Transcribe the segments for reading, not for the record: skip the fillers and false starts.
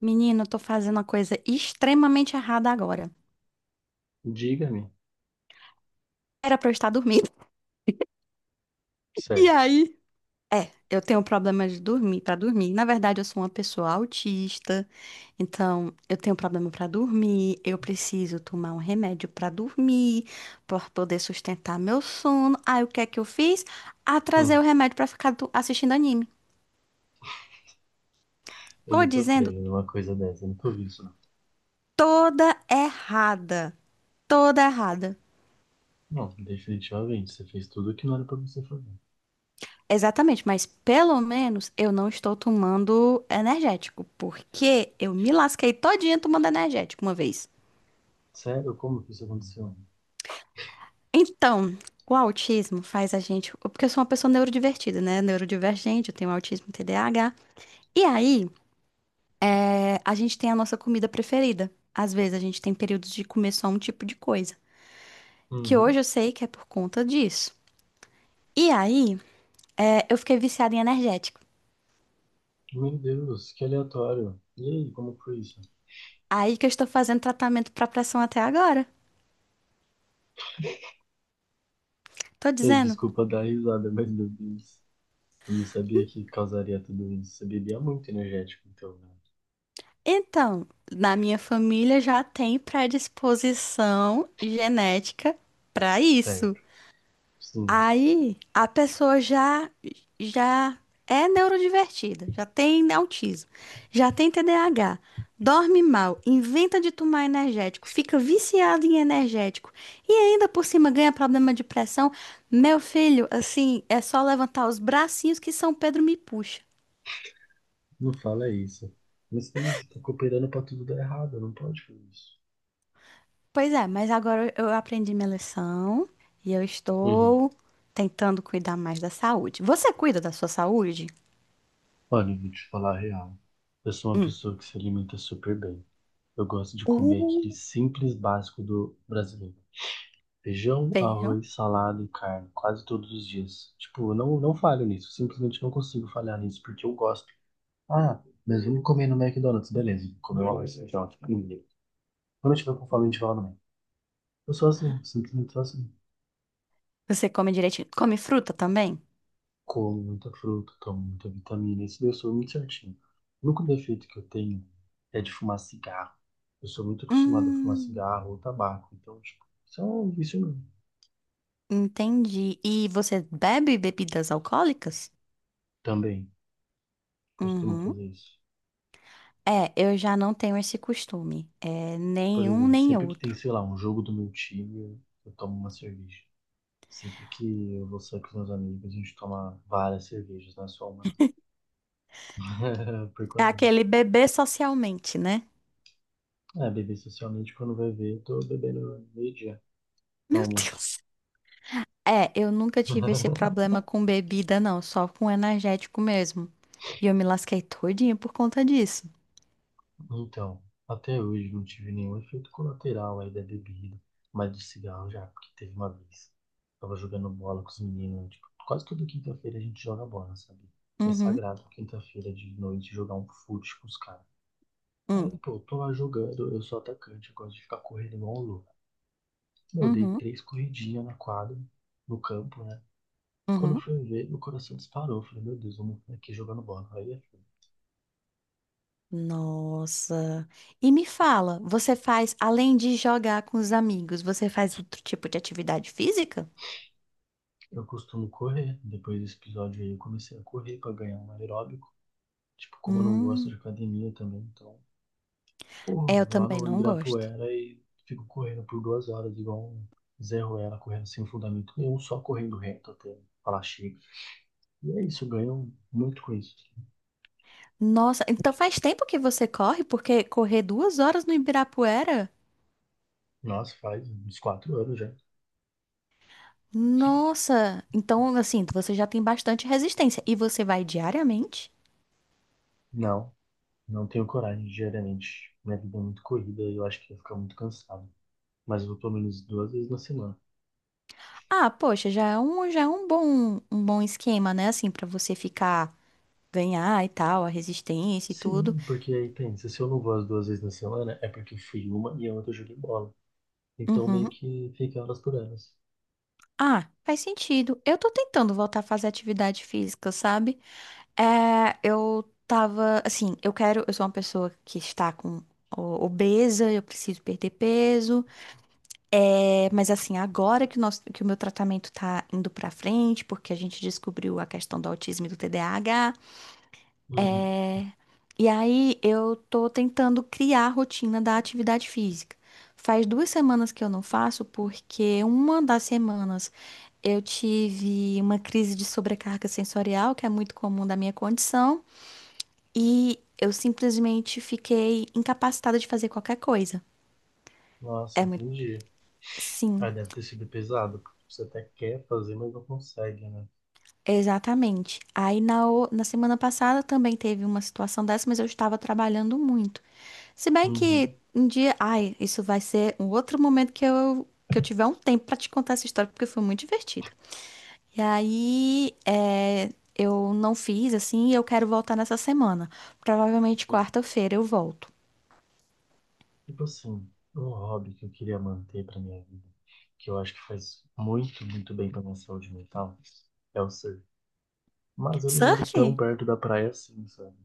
Menino, eu tô fazendo uma coisa extremamente errada agora. Diga-me. Era pra eu estar dormindo. E Certo. aí? Eu tenho problema de dormir, pra dormir. Na verdade, eu sou uma pessoa autista, então eu tenho problema pra dormir. Eu preciso tomar um remédio pra dormir, pra poder sustentar meu sono. Aí, o que é que eu fiz? Hum, Atrasei o remédio pra ficar assistindo anime. eu Tô não tô dizendo crendo numa coisa dessa, eu não tô vendo isso, não. toda errada. Toda errada. Não, definitivamente, você fez tudo o que não era pra você fazer. Exatamente, mas pelo menos eu não estou tomando energético, porque eu me lasquei todinha tomando energético uma vez. Sério? Como que isso aconteceu? Então, o autismo faz a gente. Porque eu sou uma pessoa neurodivertida, né? Neurodivergente, eu tenho autismo TDAH. E aí, a gente tem a nossa comida preferida. Às vezes a gente tem períodos de comer só um tipo de coisa. Que Uhum. hoje eu sei que é por conta disso. E aí, eu fiquei viciada em energético. Meu Deus, que aleatório. E aí, como foi isso? Aí que eu estou fazendo tratamento para pressão até agora. Tô Eu, dizendo. desculpa dar risada, mas meu Deus. Eu não sabia que causaria tudo isso. Você bebia muito energético, então, né? Então, na minha família já tem predisposição genética para isso. Certo. Sim, Aí a pessoa já é neurodivertida, já tem autismo, já tem TDAH, dorme mal, inventa de tomar energético, fica viciado em energético e ainda por cima ganha problema de pressão. Meu filho, assim, é só levantar os bracinhos que São Pedro me puxa. não fala isso. Mas também você tá cooperando pra tudo dar errado, não pode fazer isso. Pois é, mas agora eu aprendi minha lição e eu Uhum. estou tentando cuidar mais da saúde. Você cuida da sua saúde? Olha, eu vou te falar a real. Eu sou uma Hum. pessoa que se alimenta super bem. Eu gosto de comer aquele Uh, simples básico do brasileiro. Feijão, feijão. arroz, salada e carne, quase todos os dias. Tipo, eu não falho nisso. Simplesmente não consigo falhar nisso, porque eu gosto. Ah, mas vamos comer no McDonald's, beleza. Comer um arroz, feijão, tipo, ninguém. Quando eu tiver com fome, a gente vai lá no Mac. Eu sou assim, simplesmente sou assim. Você come direitinho? Come fruta também? Como muita fruta, tomo muita vitamina, isso daí eu sou muito certinho. O único defeito que eu tenho é de fumar cigarro. Eu sou muito acostumado a fumar Hum, cigarro ou tabaco, então, tipo, isso é um vício meu. entendi. E você bebe bebidas alcoólicas? Também costumo Uhum. fazer isso. É, eu já não tenho esse costume. É, Por nenhum exemplo, nem sempre que tem, outro. sei lá, um jogo do meu time, eu tomo uma cerveja. Sempre que eu vou sair com os meus amigos, a gente toma várias cervejas, não é só uma. Não. Por É quase. aquele beber socialmente, né? É, beber socialmente, quando vai ver, eu tô bebendo meio-dia no Meu almoço. Deus. É, eu nunca tive esse problema com bebida, não, só com energético mesmo. E eu me lasquei todinha por conta disso. Então, até hoje não tive nenhum efeito colateral aí da bebida, mas do cigarro já, porque teve uma vez. Tava jogando bola com os meninos, tipo, quase toda quinta-feira a gente joga bola, sabe? É Uhum, sagrado quinta-feira de noite jogar um fute com os caras. Aí, hum, pô, eu tô lá jogando, eu sou atacante, eu gosto de ficar correndo igual um louco. Meu, eu dei uhum, três corridinhas na quadra, no campo, né? Quando eu uhum. fui ver, meu coração disparou. Eu falei, meu Deus, vamos aqui jogando bola. Aí, Nossa. E me fala, você faz, além de jogar com os amigos, você faz outro tipo de atividade física? eu costumo correr. Depois desse episódio aí, eu comecei a correr pra ganhar um aeróbico. Tipo, como eu não gosto Hum, de academia também, então é, corro, eu vou lá também no não gosto. Ibirapuera e fico correndo por 2 horas, igual um Zé Ruela, correndo sem fundamento nenhum, só correndo reto até falar chega. E é isso, eu ganho muito com isso. Nossa, então faz tempo que você corre, porque correr 2 horas no Ibirapuera? Nossa, faz uns 4 anos já. Nossa, então assim, você já tem bastante resistência. E você vai diariamente? Não, não tenho coragem, diariamente. Minha vida é muito corrida e eu acho que ia ficar muito cansado. Mas eu vou pelo menos 2 vezes na semana. Ah, poxa, já é um bom esquema, né? Assim, pra você ficar, ganhar e tal, a resistência e tudo. Sim, porque aí tem. Se eu não vou as 2 vezes na semana, é porque fui uma e a outra eu joguei bola. Então meio Uhum. que fica elas por elas. Ah, faz sentido. Eu tô tentando voltar a fazer atividade física, sabe? É, eu tava, assim, eu quero, eu sou uma pessoa que está com obesa, eu preciso perder peso. É, mas assim, agora que o nosso, que o meu tratamento tá indo pra frente, porque a gente descobriu a questão do autismo e do TDAH. Uhum. É, E aí eu tô tentando criar a rotina da atividade física. Faz duas semanas que eu não faço, porque uma das semanas eu tive uma crise de sobrecarga sensorial, que é muito comum da minha condição, e eu simplesmente fiquei incapacitada de fazer qualquer coisa. Nossa, É muito. entendi. Ah, Sim, deve ter sido pesado, porque você até quer fazer, mas não consegue, né? exatamente. Na semana passada também teve uma situação dessa, mas eu estava trabalhando muito. Se bem que Uhum, um dia, ai, isso vai ser um outro momento que eu tiver um tempo pra te contar essa história porque foi muito divertido. E aí, eu não fiz assim, e eu quero voltar nessa semana. Provavelmente uhum. quarta-feira eu volto. Tipo assim, um hobby que eu queria manter pra minha vida, que eu acho que faz muito, muito bem pra minha saúde mental, é o surf. Mas eu não moro Surf? tão perto da praia assim, sabe?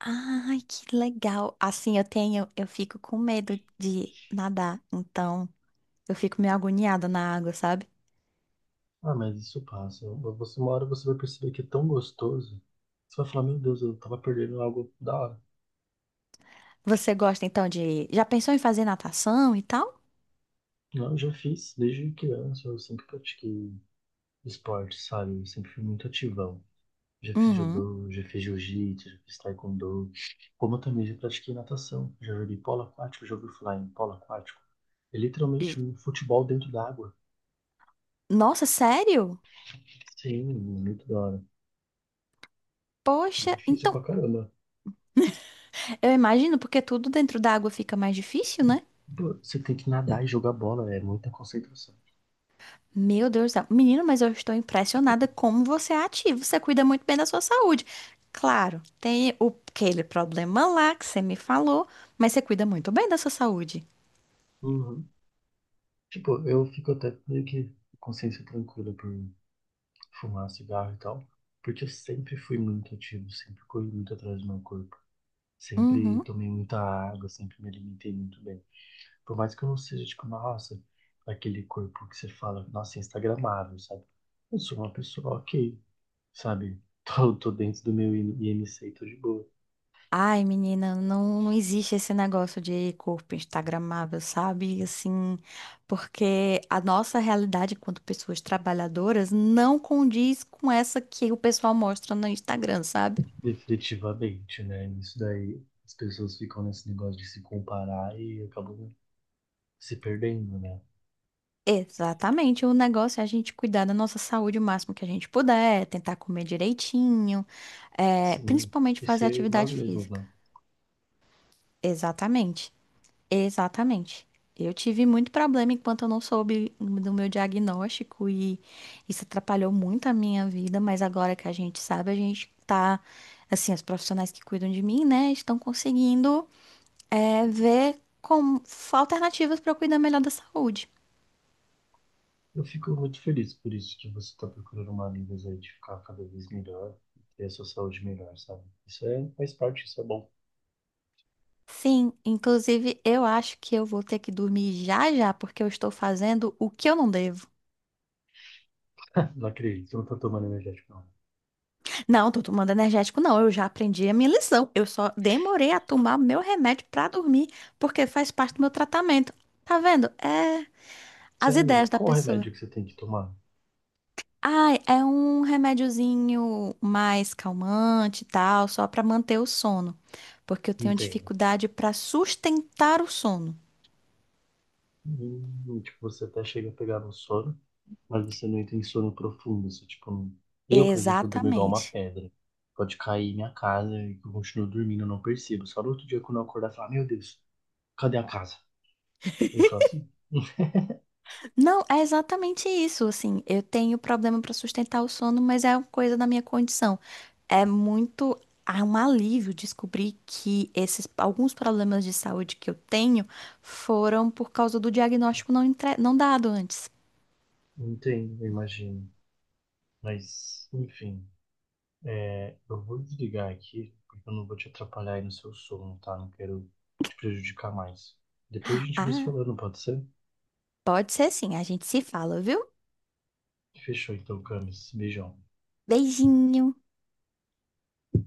Ai, que legal. Assim, eu tenho, eu fico com medo de nadar, então eu fico meio agoniada na água, sabe? Ah, mas isso passa. Você uma hora você vai perceber que é tão gostoso. Você vai falar, meu Deus, eu tava perdendo algo da hora. Você gosta então de, já pensou em fazer natação e tal? Não, eu já fiz desde criança, eu sempre pratiquei esporte, sabe? Eu sempre fui muito ativão. Já fiz Uhum. judô, já fiz jiu-jitsu, já fiz taekwondo. Como eu também já pratiquei natação, já joguei polo aquático, já ouvi falar em polo aquático. É literalmente J- um futebol dentro da água. Nossa, sério? Sim, muito da hora. E Poxa, difícil então pra caramba. eu imagino, porque tudo dentro da água fica mais difícil, né? Pô, você tem que nadar e jogar bola, é muita concentração. Meu Deus do céu. Menino, mas eu estou impressionada como você é ativo. Você cuida muito bem da sua saúde. Claro, tem aquele problema lá que você me falou, mas você cuida muito bem da sua saúde. Uhum. Tipo, eu fico até meio que com consciência tranquila por fumar cigarro e tal, porque eu sempre fui muito ativo, sempre corri muito atrás do meu corpo. Sempre Uhum. tomei muita água, sempre me alimentei muito bem. Por mais que eu não seja, tipo, nossa, aquele corpo que você fala, nossa, é instagramável, sabe? Eu sou uma pessoa ok, sabe? Tô dentro do meu IMC e tô de boa. Ai, menina, não, não existe esse negócio de corpo instagramável, sabe? Assim, porque a nossa realidade enquanto pessoas trabalhadoras não condiz com essa que o pessoal mostra no Instagram, sabe? Definitivamente, né? Isso daí, as pessoas ficam nesse negócio de se comparar e acabam se perdendo, né? Exatamente, o negócio é a gente cuidar da nossa saúde o máximo que a gente puder, tentar comer direitinho, Sim, principalmente e fazer ser nós atividade mesmos, física. né? Exatamente, exatamente. Eu tive muito problema enquanto eu não soube do meu diagnóstico e isso atrapalhou muito a minha vida, mas agora que a gente sabe, a gente tá, assim, os profissionais que cuidam de mim, né, estão conseguindo, ver como alternativas para eu cuidar melhor da saúde. Eu fico muito feliz por isso que você tá procurando maneiras aí de ficar cada vez melhor, ter a sua saúde melhor, sabe? Isso é, faz parte, isso é bom. Sim, inclusive eu acho que eu vou ter que dormir já já, porque eu estou fazendo o que eu não devo. Não acredito, eu não tô tomando energético, não. Não, tô tomando energético, não. Eu já aprendi a minha lição. Eu só demorei a tomar meu remédio pra dormir, porque faz parte do meu tratamento. Tá vendo? É as Sério, mas ideias da qual o pessoa. remédio que você tem que tomar? Ai, é um remédiozinho mais calmante e tal, só pra manter o sono, porque eu tenho Entendo. dificuldade pra sustentar o sono. Tipo, você até chega a pegar no sono, mas você não entra sono profundo. Você, tipo, não- eu, por exemplo, durmo igual uma Exatamente. pedra. Pode cair minha casa e eu continuo dormindo, eu não percebo. Só no outro dia, quando eu acordar, falar, meu Deus, cadê a casa? Eu sou assim. Não, é exatamente isso, assim, eu tenho problema para sustentar o sono, mas é uma coisa da minha condição. É muito, é um alívio descobrir que esses alguns problemas de saúde que eu tenho foram por causa do diagnóstico não dado antes. Entendo, eu imagino. Mas, enfim, é, eu vou desligar aqui, porque eu não vou te atrapalhar aí no seu sono, tá? Não quero te prejudicar mais. Depois a gente vai se Ah, falando, pode ser? pode ser sim, a gente se fala, viu? Fechou então, Camis. Beijão. Beijinho.